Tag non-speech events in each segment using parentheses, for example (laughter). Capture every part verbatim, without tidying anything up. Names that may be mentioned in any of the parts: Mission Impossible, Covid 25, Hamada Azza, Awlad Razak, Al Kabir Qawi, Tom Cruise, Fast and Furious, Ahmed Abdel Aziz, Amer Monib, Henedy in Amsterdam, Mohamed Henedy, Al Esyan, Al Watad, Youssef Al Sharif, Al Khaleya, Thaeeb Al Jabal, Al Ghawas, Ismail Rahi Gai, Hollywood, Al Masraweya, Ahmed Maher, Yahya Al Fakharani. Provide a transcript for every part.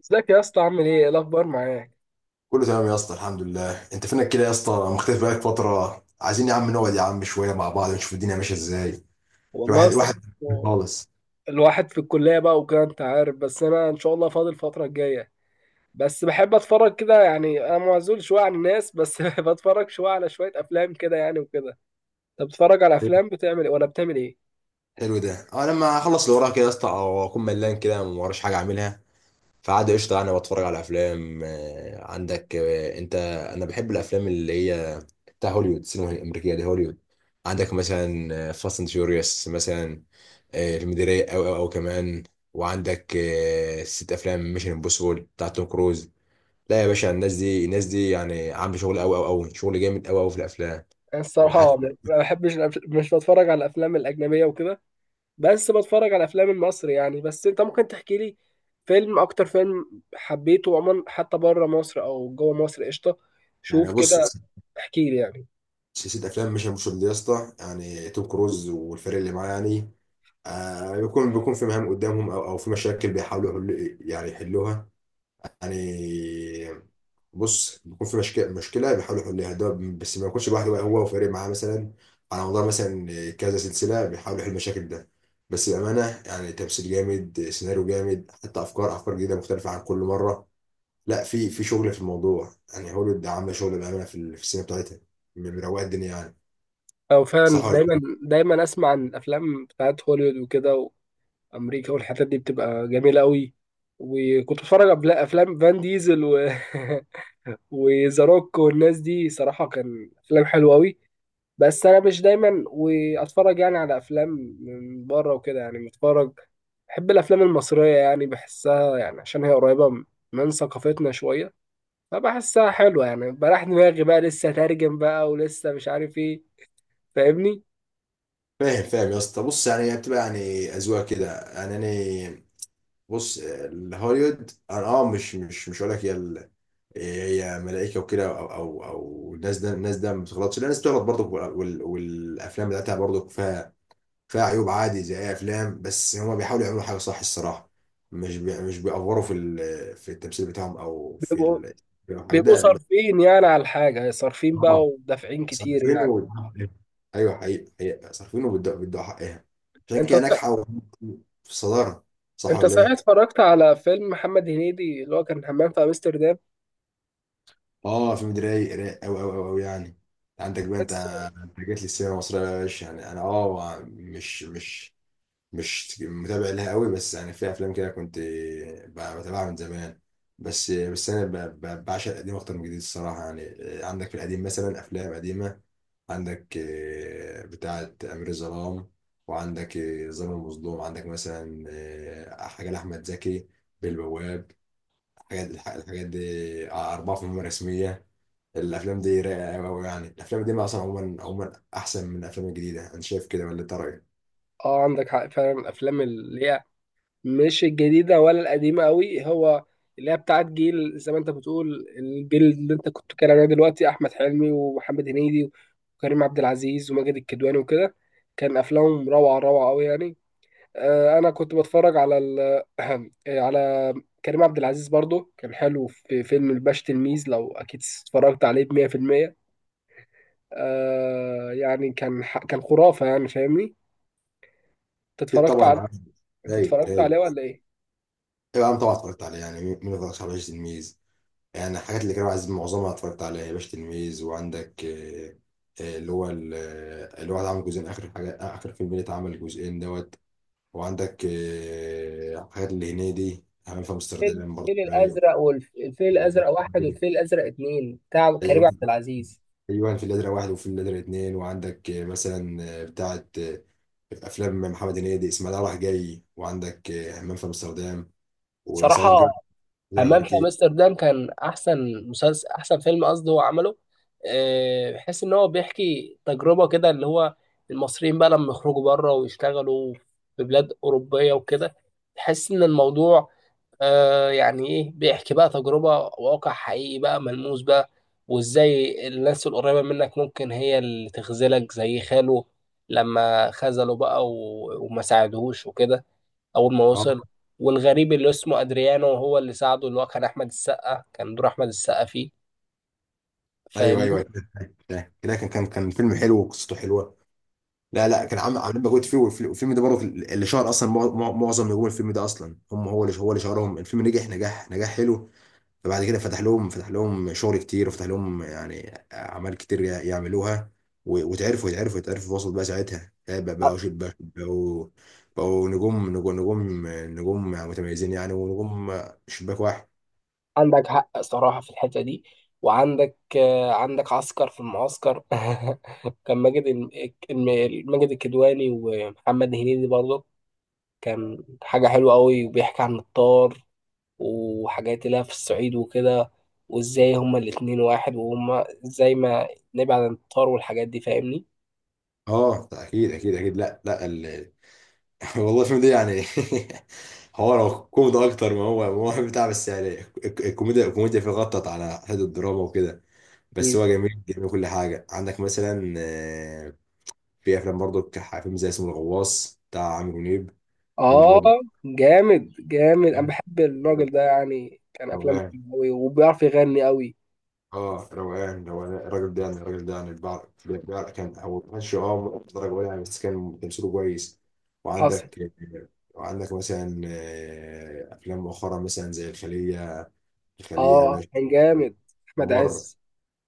ازيك يا اسطى؟ عامل ايه؟ ايه الاخبار معاك؟ كله تمام يا اسطى، الحمد لله. انت فينك كده يا اسطى؟ مختفي بقالك فتره. عايزين يا عم نقعد يا عم شويه مع بعض، نشوف الدنيا ماشيه ازاي. والله يا الواحد اسطى، الواحد خالص. الواحد في الكليه بقى وكده، انت عارف. بس انا ان شاء الله فاضي الفتره الجايه. بس بحب اتفرج كده يعني، انا معزول شويه عن الناس بس (laughs) بتفرج شويه على شويه افلام كده يعني وكده. انت بتتفرج على افلام؟ بتعمل ايه ولا بتعمل ايه؟ حلو ده. انا لما اخلص اللي ورايا كده يا اسطى، او اكون ملان كده ما وراش حاجه اعملها، فعادي، قشطه. انا بتفرج على افلام آه، عندك، آه، انت. انا بحب الافلام اللي هي بتاع هوليوود، السينما الامريكيه دي، هوليوود. عندك مثلا آه، فاست اند فيوريوس مثلا، آه، فيلم ده رايق. او او او كمان وعندك آه، ست افلام ميشن امبوسيبل بتاع توم كروز. لا يا باشا، الناس دي الناس دي يعني عامله شغل قوي قوي قوي، شغل جامد قوي قوي في الافلام. انا وحتى الصراحه ما ما بحبش الأف- مش بتفرج على الافلام الاجنبيه وكده. بس بتفرج على الافلام المصري يعني. بس انت ممكن تحكي لي فيلم، اكتر فيلم حبيته عموما، حتى بره مصر او جوه مصر؟ قشطه، يعني، شوف بص، كده، احكي لي يعني. سلسله افلام مش مش دي يا اسطى يعني، توم كروز والفريق اللي معاه يعني، آه بيكون بيكون في مهام قدامهم، او او في مشاكل بيحاولوا يحلوا، يعني يحلوها يعني. بص، بيكون في مشك- مشكله بيحاولوا يحلوها ده، بس ما يكونش لوحده بقى، هو وفريق معاه مثلا، على مدار مثلا كذا سلسله بيحاولوا يحلوا المشاكل ده. بس بامانه يعني، تمثيل جامد، سيناريو جامد، حتى افكار افكار جديده مختلفه عن كل مره. لا، في في شغل في الموضوع يعني، هوليوود عامله شغل بامانه في ال- في السينما بتاعتها. م- مروقه الدنيا يعني، او فعلا صح ولا دايما لأ؟ دايما اسمع عن الافلام بتاعت هوليوود وكده، وامريكا والحتت دي بتبقى جميله قوي. وكنت بتفرج على أفلا- افلام فان ديزل و (laughs) وذا روك والناس دي، صراحه كان افلام حلوه قوي. بس انا مش دايما واتفرج يعني على افلام من بره وكده، يعني متفرج. بحب الافلام المصريه يعني، بحسها يعني عشان هي قريبه من ثقافتنا شويه. فبحسها حلوه يعني، بريح دماغي بقى، لسه ترجم بقى ولسه مش عارف ايه. فاهمني؟ فاهم فاهم يا اسطى. بص يعني، هي بتبقى يعني اذواق كده يعني. انا بص، الهوليوود انا اه، مش مش مش هقول لك هي هي ملائكه وكده، او او او الناس ده الناس ده ما بتغلطش، لا الناس بتغلط برضه، وال- والافلام بتاعتها برضه فيها فيها عيوب، عادي زي اي افلام. بس هما بيحاولوا يعملوا حاجه صح الصراحه، مش بي مش بيأفوروا في ال- في التمثيل بتاعهم او في بيبقوا ال- في الحاجات بيبقوا ده. صارفين يعني على الحاجة، صارفين اه، بقى ودافعين كتير صارفينه يعني. وبيدوا حقها. ايوه، حقيقي حقيقي صارفينه، وبيدوا بيدوا حقها، عشان انت كده صح- ناجحه و- في الصداره. صح انت ولا صحيح ايه؟ اتفرجت على فيلم محمد هنيدي اللي هو كان همام في امستردام؟ اه فيلم ده رايق رايق قوي قوي قوي يعني. عندك بقى انت، تحسه. جات لي السينما المصرية يا باشا. يعني أنا أه، مش مش مش متابع لها قوي، بس يعني في أفلام كده كنت ب- بتابعها من زمان. بس بس أنا ب- ب- بعشق القديم أكتر من الجديد الصراحة يعني. عندك في القديم مثلا أفلام قديمة، عندك آه، بتاعة أمير الظلام، وعندك آه، ظالم المظلوم، عندك مثلا آه، حاجة لأحمد زكي، بالبواب. الحاجات الح- الحاجات دي آه، أربعة في المهمة الرسمية. الأفلام دي رايقة أوي أوي يعني. الأفلام دي أصلا عموما عموما أحسن من الأفلام الجديدة، أنا شايف كده، ولا أنت رأيك؟ اه، عندك حق فعلا. الافلام اللي هي مش الجديدة ولا القديمة قوي، هو اللي هي بتاعت جيل، زي ما انت بتقول الجيل اللي انت كنت بتتكلم عليه دلوقتي، احمد حلمي ومحمد هنيدي وكريم عبد العزيز وماجد الكدواني وكده، كان افلامهم روعة روعة قوي يعني. آه، انا كنت بتفرج على ال... (clears throat) على كريم عبد العزيز برضو، كان حلو في فيلم الباش تلميذ. لو اكيد اتفرجت عليه ب مئة في المئة. آه يعني كان ح... كان خرافة يعني. فاهمني؟ انت أكيد اتفرجت طبعا عليه؟ يا عم. انت رايق اتفرجت رايق. عليه ولا ايه؟ أيوة، أنا طبعا اتفرجت عليه. يعني مين ما اتفرجش على باشا تلميذ؟ يعني الحاجات اللي كانوا عايزين معظمها اتفرجت عليها باشا تلميذ، وعندك آه، آه، اللي هو ال- آه، اللي هو عمل جزئين، آخر حاجة، آخر فيلم اللي اتعمل جزئين دوت. وعندك آه، حاجات اللي هنيدي همام في فيلم أمستردام برضه الفيل رايق. الازرق، والفيل و- الازرق و- واحد والفيل الازرق اتنين بتاع كريم أيوة، عبد العزيز. ايوه، في النادرة واحد وفي النادرة اتنين، وعندك آه، مثلا آه، بتاعة آه، افلام محمد هنيدي، اسماعيل رايح جاي، وعندك آه، همام في امستردام، وصعيدي صراحه، في الجامعة، الجامعة حمام في الامريكيه. امستردام كان احسن مسلسل، احسن فيلم قصدي هو عمله. آه، بحيث ان هو بيحكي تجربه كده اللي هو، المصريين بقى لما يخرجوا بره ويشتغلوا في بلاد اوروبيه وكده. تحس ان الموضوع آه، يعني ايه، بيحكي بقى تجربه، واقع حقيقي بقى، ملموس بقى. وازاي الناس القريبه منك ممكن هي اللي تخذلك، زي خاله لما خذله بقى و- وما ساعدهوش وكده اول ما وصل. اه، والغريب اللي اسمه ادريانو هو اللي ساعده، اللي هو كان احمد السقا، كان دور احمد السقا فيه. ايوه ايوه. فاهمني؟ كده كان كان كان فيلم حلو وقصته حلوه. لا لا، كان عامل عاملين مجهود فيه، والفيلم والفيلم ده برضه اللي شهر اصلا مع- مع- معظم نجوم الفيلم ده، اصلا هم، هو اللي هو اللي شهرهم. الفيلم نجح نجاح نجاح حلو، فبعد كده فتح لهم فتح لهم شغل كتير، وفتح لهم يعني اعمال كتير يع- يعملوها، و- واتعرفوا، يتعرفوا يتعرفوا في وسط بقى ساعتها يعني، بقى- ع- بقوا شيء- بقوا بقوا بقوا نجوم، نجوم نجوم نجوم متميزين يعني، ونجوم شباك واحد. عندك حق صراحة في الحتة دي. وعندك آه، عندك عسكر في المعسكر (laughs) كان ماجد الم- الم- ماجد الكدواني ومحمد هنيدي برضه، كان حاجة حلوة قوي، وبيحكي عن الطار وحاجات اللي هي في الصعيد وكده. وازاي هما الاتنين واحد، وهما ازاي ما نبعد عن الطار والحاجات دي. فاهمني؟ اه، اكيد اكيد اكيد، لا لا، ال... (laughs) والله الفيلم ده يعني، (laughs) هو لو كوميدي اكتر، ما هو ما هو بتاع بس يعني، الك- الكوميديا الكوميديا فيه غطت على حته الدراما وكده، بس هو جميل جميل، كل حاجه. عندك مثلا آه، في افلام برضه ك- فيلم زي اسمه الغواص بتاع عامر منيب. الفيلم ده اه، برضه جامد جامد، انا بحب الراجل ده يعني، كان افلامه روقان. حلوة قوي وبيعرف يغني قوي. اه روقان روقان، الراجل ده يعني، الراجل ده يعني بيع- بيع- كان هو ما كانش اه درجه ولا يعني، بس كان تمثيله كويس. حصل. وعندك وعندك مثلا آه، افلام مؤخرا مثلا زي الخليه، الخليه يا اه باشا، كان جامد، احمد ممر، عز.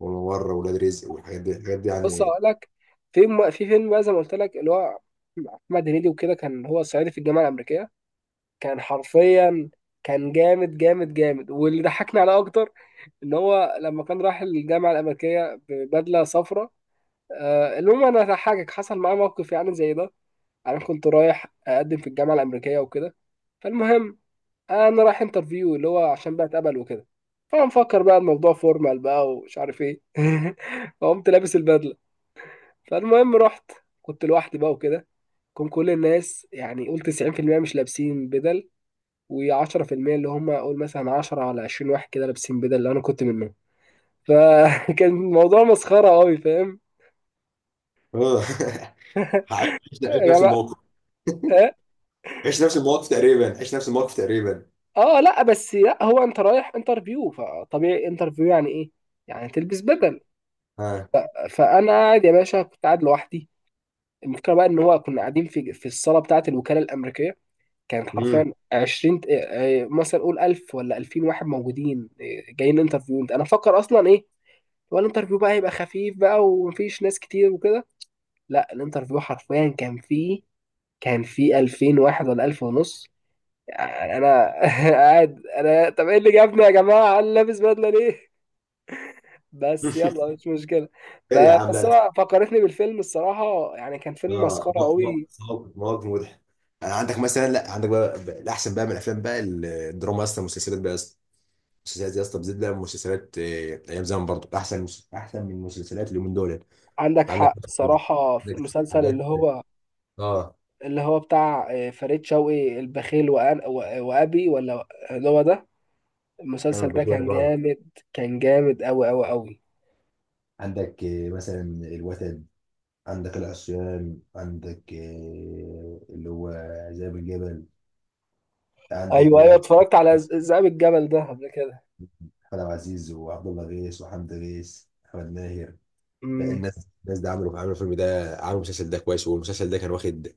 وممر، ولاد رزق، والحاجات دي الحاجات دي بص يعني. اقول لك، في م- في فيلم بقى زي ما قلت لك اللي هو، احمد هنيدي وكده كان هو صعيدي في الجامعه الامريكيه، كان حرفيا كان جامد جامد جامد. واللي ضحكني عليه اكتر، ان هو لما كان راح الجامعه الامريكيه ببدله صفراء. آه المهم انا هضحكك، حصل معاه موقف يعني زي ده. انا كنت رايح اقدم في الجامعه الامريكيه وكده. فالمهم انا رايح انترفيو اللي هو عشان بقى اتقبل وكده. فمفكر بقى الموضوع فورمال بقى ومش عارف ايه. (laughs) فقمت لابس البدله. فالمهم رحت، كنت لوحدي بقى وكده. كان كل الناس يعني قول تسعين في المئة مش لابسين بدل، و10% اللي هم قول مثلا عشرة على عشرين واحد كده لابسين بدل، اللي انا كنت منهم. فكان (laughs) الموضوع مسخره قوي. فاهم؟ اه (laughs) عايش، عايش يا نفس جماعه! الموقف، عيش نفس الموقف تقريبا، عيش نفس الموقف تقريبا. اه لا، بس لا هو انت رايح انترفيو، فطبيعي انترفيو يعني ايه؟ يعني تلبس بدل. ها. فانا قاعد يا باشا، كنت قاعد لوحدي. المشكله بقى ان هو كنا قاعدين في في الصاله بتاعه الوكاله الامريكيه. كانت مم. حرفيا عشرين ت- آه، آه، مثلا قول ألف ولا ألفين واحد موجودين، آه، جايين انترفيو. انا فكر اصلا ايه، هو الانترفيو بقى هيبقى خفيف بقى ومفيش ناس كتير وكده. لا، الانترفيو حرفيا كان فيه كان فيه ألفين واحد ولا ألف ونص. انا (laughs) قاعد، انا طب ايه اللي جابنا يا جماعه؟ انا لابس بدله ليه؟ بس (laughs) يلا، مش مشكله. غير يا ب- عم، لا بس لا. هو فكرتني بالفيلم الصراحه يعني، كان فيلم اه، مسخره م- م- قوي. مواقف، مواقف مضحك. آه، عندك مثلا، لا عندك بقى بقى الاحسن بقى من الافلام بقى، ال- الدراما يا اسطى، المسلسلات بقى يا اسطى، المسلسلات يا اسطى، بالذات بقى المسلسلات آه، ايام زمان برضو احسن مس- احسن من المسلسلات اللي من دول. عندك عندك حق صراحه في عندك مسلسل اللي حاجات، هو اه. اللي هو بتاع آه، فريد شوقي، البخيل وأنا و- وابي ولا اللي هو ده. أيوة، المسلسل ده بشوية كان بقى. جامد، كان جامد قوي قوي قوي. عندك آه، مثلا الوتد، عندك العصيان، عندك آه، اللي هو ذئب الجبل، عندك ايوه، ايوه، لنا، اتفرجت على ز- ذئاب الجبل ده قبل كده. احمد عبد العزيز، وعبد الله غيث، وحمد غيث، احمد ماهر. لا، امم. الناس الناس ده عملوا عملوا الفيلم ده، عملوا المسلسل ده كويس، والمسلسل ده كان واخد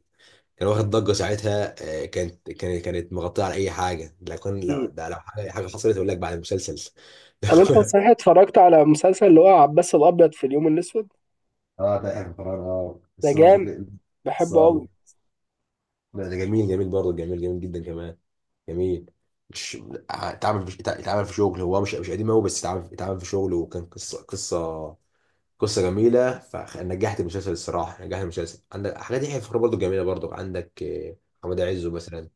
كان واخد ضجة ساعتها. آه، كانت كانت كانت مغطية على أي حاجة. لو كان، لو ده، لو حاجة حاجة حصلت أقول لك، بعد المسلسل طب انت (laughs) صحيح اتفرجت على مسلسل اللي هو عباس الابيض في اليوم الاسود؟ اه ده اخر قرار. اه ده بس برضه، جامد، بس بحبه قوي. برضه لا ده جميل جميل برضه، جميل جميل جدا كمان، جميل. مش، اتعمل في اتعمل في شغل، هو مش مش قديم قوي، بس اتعمل اتعمل في شغل، وكان قصة قصة قصه جميله، فنجحت المسلسل الصراحه، نجحت المسلسل. عندك حاجات يحيى الفخراني برضو جميله، برضو عندك آه، حماد عزه مثلا،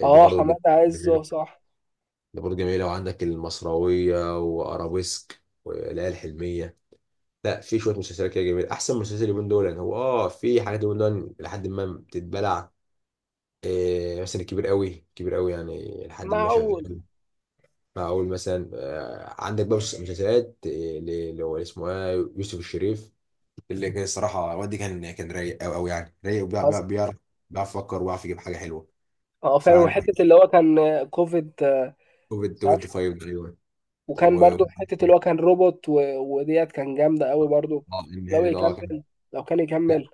آه، ده اه، برضو جد- حماد عز جميله، صح. ده برضو جميله، وعندك المصراويه، وارابيسك، والليالي الحلميه. لا في شويه مسلسلات كده جميله. احسن مسلسل اليومين دول يعني، هو اه في حاجات اليومين دول لحد ما بتتبلع، آه، مثلا الكبير قوي، كبير قوي يعني، لحد ما معقول. شغال. فاقول مثلا آه، عندك بقى مسلسلات آه، ل- اللي هو اسمه إيه، يوسف الشريف، اللي كان الصراحه والدي، كان كان رايق قوي قوي يعني، رايق، وبيع- بيع- حصل. بيعرف بيعرف يفكر، وبيعرف يجيب حاجه حلوه. اه فعلا، فعن وحته اللي هو كان كوفيد، آه، كوفيد عارف. خمسة وعشرين ده، ايوه. وكان و برضو حته اللي هو كان روبوت و... وديت، كان جامده قوي برضو. آه، لو النهايه ده اه كان، يكمل لو كان لا، يكمل.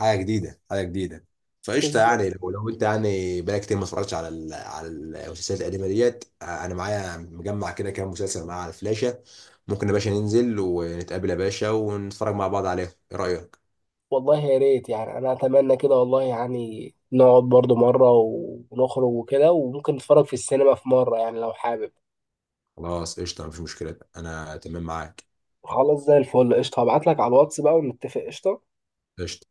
حاجه جديده، حاجه جديده. فقشطه بالظبط. يعني، لو لو انت يعني بقالك كتير ما اتفرجتش على ال- على المسلسلات القديمه ديت، آه، انا معايا مجمع كده كام مسلسل معايا على الفلاشه. ممكن يا باشا ننزل ونتقابل يا باشا ونتفرج مع بعض عليهم، ايه رايك؟ والله يا ريت يعني، انا اتمنى كده والله، يعني نقعد برضو مره ونخرج وكده، وممكن نتفرج في السينما في مره يعني لو حابب. خلاص قشطه، مفيش مشكله، انا تمام معاك. خلاص زي الفل قشطه، هبعت لك على الواتس بقى ونتفق. قشطه. قشطه.